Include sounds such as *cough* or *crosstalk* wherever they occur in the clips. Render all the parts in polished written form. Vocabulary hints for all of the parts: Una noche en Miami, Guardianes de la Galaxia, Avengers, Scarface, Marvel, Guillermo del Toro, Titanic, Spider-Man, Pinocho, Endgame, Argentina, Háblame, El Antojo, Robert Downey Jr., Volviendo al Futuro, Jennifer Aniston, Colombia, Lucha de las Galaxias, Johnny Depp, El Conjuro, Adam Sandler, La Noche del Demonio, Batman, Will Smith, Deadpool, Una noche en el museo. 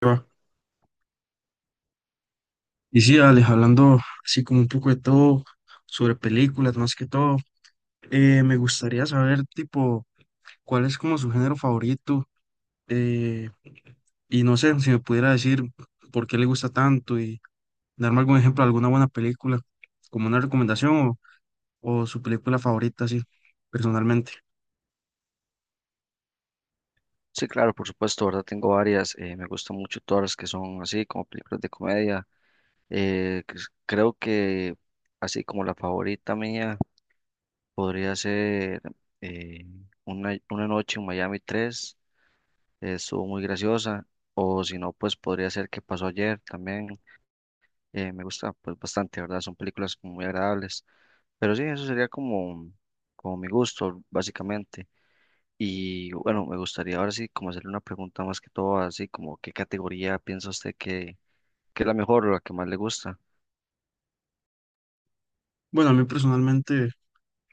Va. Y sí, Alex, hablando así como un poco de todo, sobre películas más que todo, me gustaría saber, tipo, cuál es como su género favorito, eh, y no sé, si me pudiera decir por qué le gusta tanto y darme algún ejemplo de alguna buena película, como una recomendación o su película favorita, así, personalmente. Sí, claro, por supuesto, ¿verdad? Tengo varias. Me gustan mucho todas las que son así, como películas de comedia. Creo que así como la favorita mía podría ser eh, una noche en Miami 3, estuvo muy graciosa. O si no, pues podría ser que pasó ayer también. Me gusta pues bastante, ¿verdad? Son películas como muy agradables. Pero sí, eso sería como, como mi gusto, básicamente. Y bueno, me gustaría ahora sí como hacerle una pregunta más que todo, así como qué categoría piensa usted que es la mejor o la que más le gusta. Bueno, a mí personalmente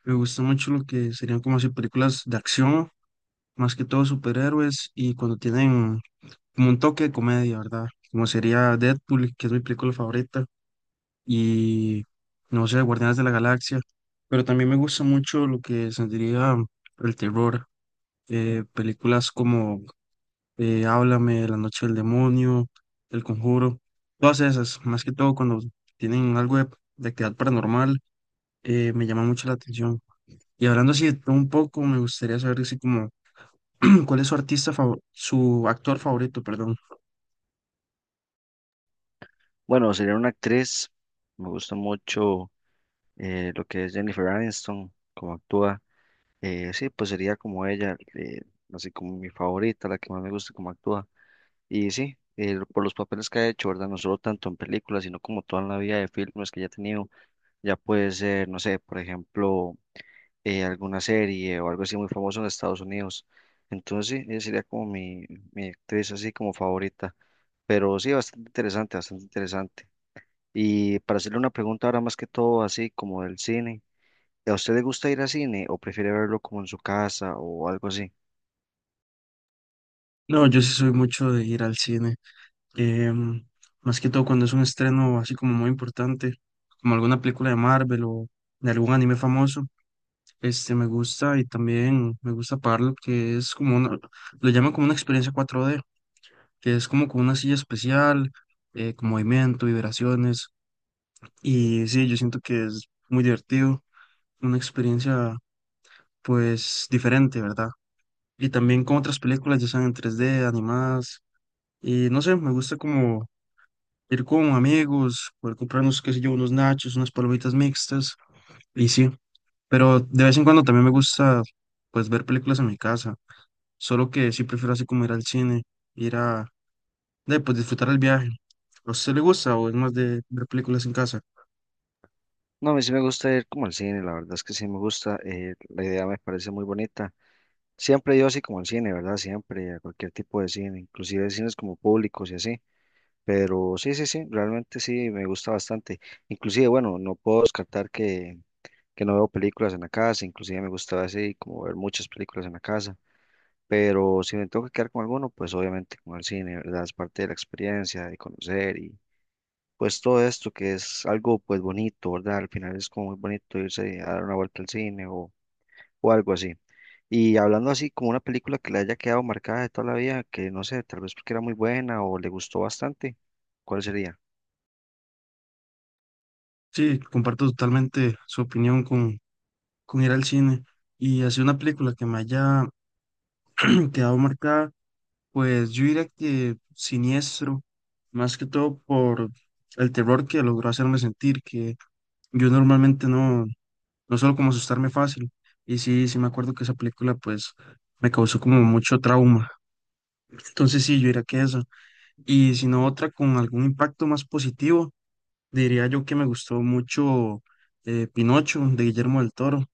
me gusta mucho lo que serían como así películas de acción, más que todo superhéroes y cuando tienen como un toque de comedia, ¿verdad? Como sería Deadpool, que es mi película favorita, y no sé, Guardianes de la Galaxia, pero también me gusta mucho lo que sentiría el terror, películas como Háblame, La Noche del Demonio, El Conjuro, todas esas, más que todo cuando tienen algo de actividad paranormal. Eh, me llama mucho la atención. Y hablando así de todo un poco, me gustaría saber así como, *clears throat* ¿cuál es su artista favor- su actor favorito, perdón? Bueno, sería una actriz, me gusta mucho lo que es Jennifer Aniston, cómo actúa. Sí, pues sería como ella, así como mi favorita, la que más me gusta cómo actúa. Y sí, por los papeles que ha hecho, ¿verdad? No solo tanto en películas, sino como toda la vida de filmes que ya ha tenido. Ya puede ser, no sé, por ejemplo alguna serie o algo así muy famoso en Estados Unidos. Entonces, sí, ella sería como mi actriz así como favorita. Pero sí, bastante interesante, bastante interesante. Y para hacerle una pregunta ahora más que todo así como del cine, ¿a usted le gusta ir al cine o prefiere verlo como en su casa o algo así? No, yo sí soy mucho de ir al cine. em, Más que todo cuando es un estreno así como muy importante, como alguna película de Marvel o de algún anime famoso. Este me gusta, y también me gusta pagar lo que es como una, lo llaman como una experiencia 4D, que es como con una silla especial, con movimiento, vibraciones. Y sí, yo siento que es muy divertido, una experiencia pues diferente, ¿verdad? Y también con otras películas, ya sean en 3D animadas. Y no sé, me gusta como ir con amigos, poder comprarnos, qué sé yo, unos nachos, unas palomitas mixtas, y sí, pero de vez en cuando también me gusta, pues, ver películas en mi casa, solo que sí prefiero así como ir al cine, ir a, pues, disfrutar el viaje. ¿A usted le gusta o es más de ver películas en casa? No, a mí sí me gusta ir como al cine, la verdad es que sí me gusta, la idea me parece muy bonita. Siempre yo así como al cine, ¿verdad? Siempre, a cualquier tipo de cine, inclusive cines como públicos y así. Pero sí, sí, sí, realmente sí, me gusta bastante. Inclusive, bueno, no puedo descartar que no veo películas en la casa, inclusive me gusta así como ver muchas películas en la casa, pero si me tengo que quedar con alguno, pues obviamente con el cine, ¿verdad? Es parte de la experiencia, de conocer y pues todo esto que es algo pues bonito, ¿verdad? Al final es como muy bonito irse a dar una vuelta al cine o algo así. Y hablando así como una película que le haya quedado marcada de toda la vida, que no sé, tal vez porque era muy buena o le gustó bastante, ¿cuál sería? Sí, comparto totalmente su opinión con ir al cine, y así una película que me haya *clears throat* quedado marcada, pues yo diría que siniestro, más que todo por el terror que logró hacerme sentir, que yo normalmente no suelo como asustarme fácil. Y sí, sí me acuerdo que esa película pues me causó como mucho trauma. Entonces sí, yo diría que esa. Y si no, otra con algún impacto más positivo, diría yo que me gustó mucho, Pinocho de Guillermo del Toro.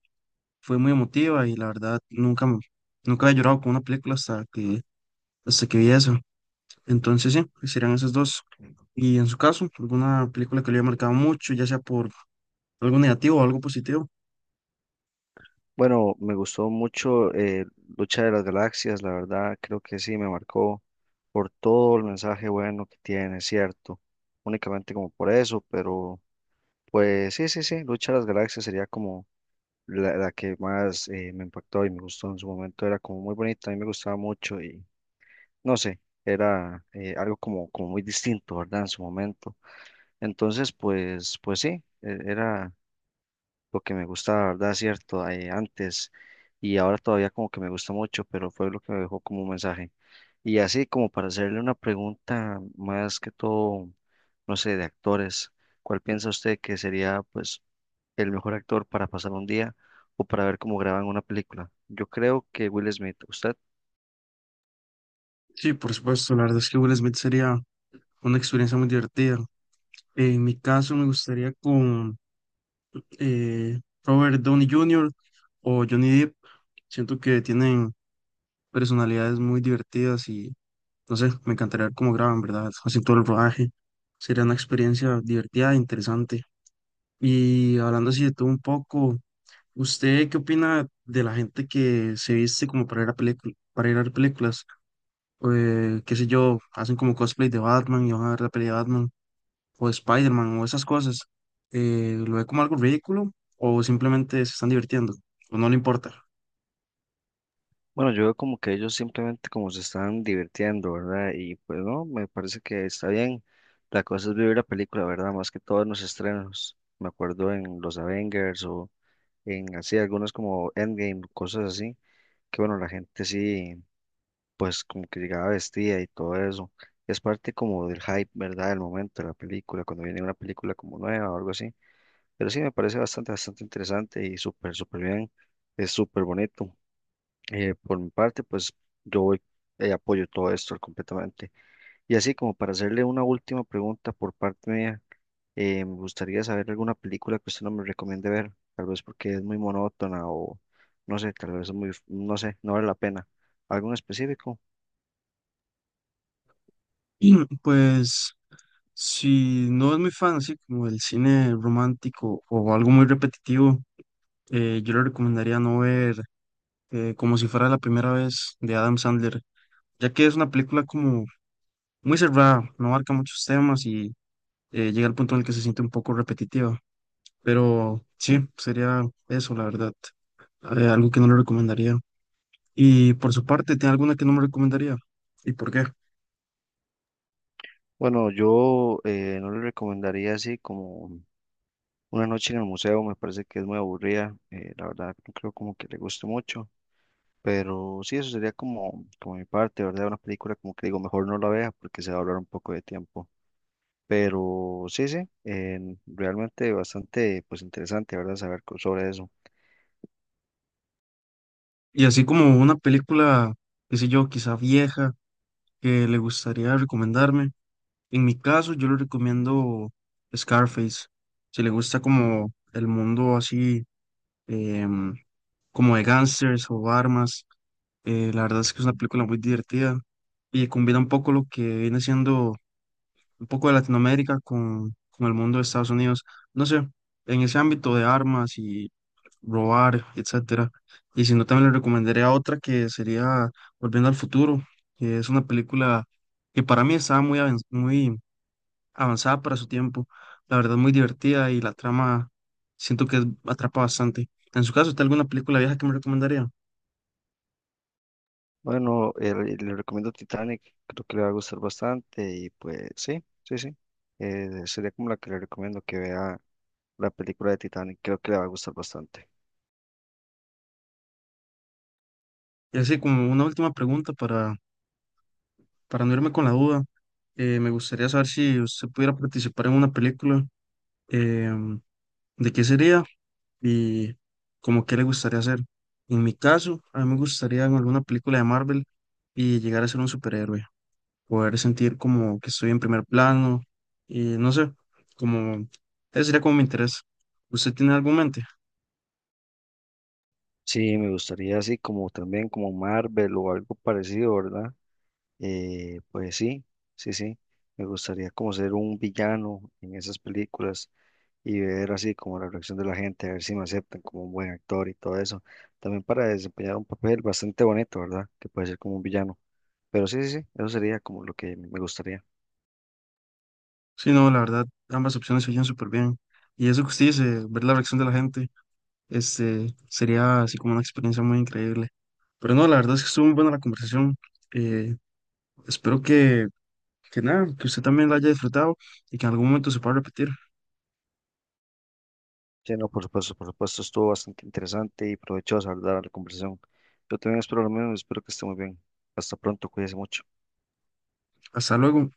Fue muy emotiva y la verdad nunca, nunca había llorado con una película hasta que vi eso. Entonces, sí, serían esas dos. Y en su caso, alguna película que le haya marcado mucho, ya sea por algo negativo o algo positivo. Bueno, me gustó mucho Lucha de las Galaxias, la verdad, creo que sí, me marcó por todo el mensaje bueno que tiene, cierto, únicamente como por eso, pero pues sí, sí, sí, Lucha de las Galaxias sería como la que más me impactó y me gustó en su momento, era como muy bonita, a mí me gustaba mucho y no sé, era algo como, como muy distinto, ¿verdad? En su momento. Entonces, pues, pues sí, era lo que me gustaba, ¿verdad? Cierto, antes y ahora todavía como que me gusta mucho, pero fue lo que me dejó como un mensaje. Y así como para hacerle una pregunta más que todo, no sé, de actores, ¿cuál piensa usted que sería pues el mejor actor para pasar un día o para ver cómo graban una película? Yo creo que Will Smith, ¿usted? Sí, por supuesto, la verdad es que Will Smith sería una experiencia muy divertida. En mi caso, me gustaría con Robert Downey Jr. o Johnny Depp. Siento que tienen personalidades muy divertidas y no sé, me encantaría ver cómo graban, ¿verdad? Hacen todo el rodaje. Sería una experiencia divertida e interesante. Y hablando así de todo un poco. ¿Usted qué opina de la gente que se viste como para ir a para ir a ver películas? Qué sé yo, hacen como cosplay de Batman y van a ver la peli de Batman o de Spider-Man o esas cosas. ¿Lo ve como algo ridículo o simplemente se están divirtiendo o no le importa? Bueno, yo veo como que ellos simplemente como se están divirtiendo, ¿verdad? Y pues no, me parece que está bien. La cosa es vivir la película, ¿verdad? Más que todo en los estrenos. Me acuerdo en los Avengers o en así, algunos como Endgame, cosas así, que bueno, la gente sí, pues como que llegaba vestida y todo eso. Es parte como del hype, ¿verdad? Del momento de la película, cuando viene una película como nueva o algo así. Pero sí, me parece bastante, bastante interesante y súper, súper bien. Es súper bonito. Por mi parte, pues yo voy- apoyo todo esto completamente. Y así como para hacerle una última pregunta por parte mía, me gustaría saber alguna película que usted no me recomiende ver, tal vez porque es muy monótona o no sé, tal vez es muy, no sé, no vale la pena. ¿Algo en específico? *clears throat* Pues si no es muy fan así como del cine romántico o algo muy repetitivo, yo le recomendaría no ver, como si fuera la primera vez de Adam Sandler, ya que es una película como muy cerrada, no abarca muchos temas y llega al punto en el que se siente un poco repetitiva. Pero sí, sería eso, la verdad. Algo que no le recomendaría. Y por su parte, ¿tiene alguna que no me recomendaría? ¿Y por qué? Bueno, yo no le recomendaría así como Una noche en el museo, me parece que es muy aburrida, la verdad no creo como que le guste mucho. Pero sí, eso sería como, como mi parte, ¿verdad? Una película como que digo, mejor no la vea porque se va a hablar un poco de tiempo. Pero sí, sí, realmente bastante pues interesante, ¿verdad? Saber sobre eso. Y así como una película, qué sé yo, quizá vieja, que le gustaría recomendarme. En mi caso, yo le recomiendo Scarface. Si le gusta como el mundo así, em, como de gángsters o armas. La verdad es que es una película muy divertida y combina un poco lo que viene siendo un poco de Latinoamérica con el mundo de Estados Unidos. No sé, en ese ámbito de armas y robar, etcétera. Y si no, también le recomendaría otra que sería Volviendo al Futuro, que es una película que para mí estaba muy, muy avanzada para su tiempo. La verdad, muy divertida y la trama siento que atrapa bastante. En su caso, ¿está alguna película vieja que me recomendaría? Bueno, le recomiendo Titanic, creo que le va a gustar bastante y pues sí, sí, sí. Sería como la que le recomiendo que vea la película de Titanic, creo que le va a gustar bastante. Y así como una última pregunta para no irme con la duda, me gustaría saber si usted pudiera participar en una película, em, ¿de qué sería y como qué le gustaría hacer? En mi caso, a mí me gustaría en alguna película de Marvel y llegar a ser un superhéroe, poder sentir como que estoy en primer plano y no sé, como ese sería como mi interés. ¿Usted tiene algo en mente? Sí, me gustaría así como también como Marvel o algo parecido, ¿verdad? Pues sí, sí, sí. Me gustaría como ser un villano en esas películas y ver así como la reacción de la gente, a ver si me aceptan como un buen actor y todo eso. También para desempeñar un papel bastante bonito, ¿verdad? Que puede ser como un villano. Pero sí, sí, sí, eso sería como lo que me gustaría. Sí, no, la verdad, ambas opciones se oyen súper bien. Y eso que usted dice, ver la reacción de la gente. Este, sería así como una experiencia muy increíble. Pero no, la verdad es que estuvo muy buena la conversación. Eh, espero que nada, que usted también la haya disfrutado y que en algún momento se pueda repetir. Sí, no, por supuesto, estuvo bastante interesante y provechosa, ¿verdad? La conversación. Yo también espero lo mismo, espero que esté muy bien. Hasta pronto, cuídese mucho. Hasta luego.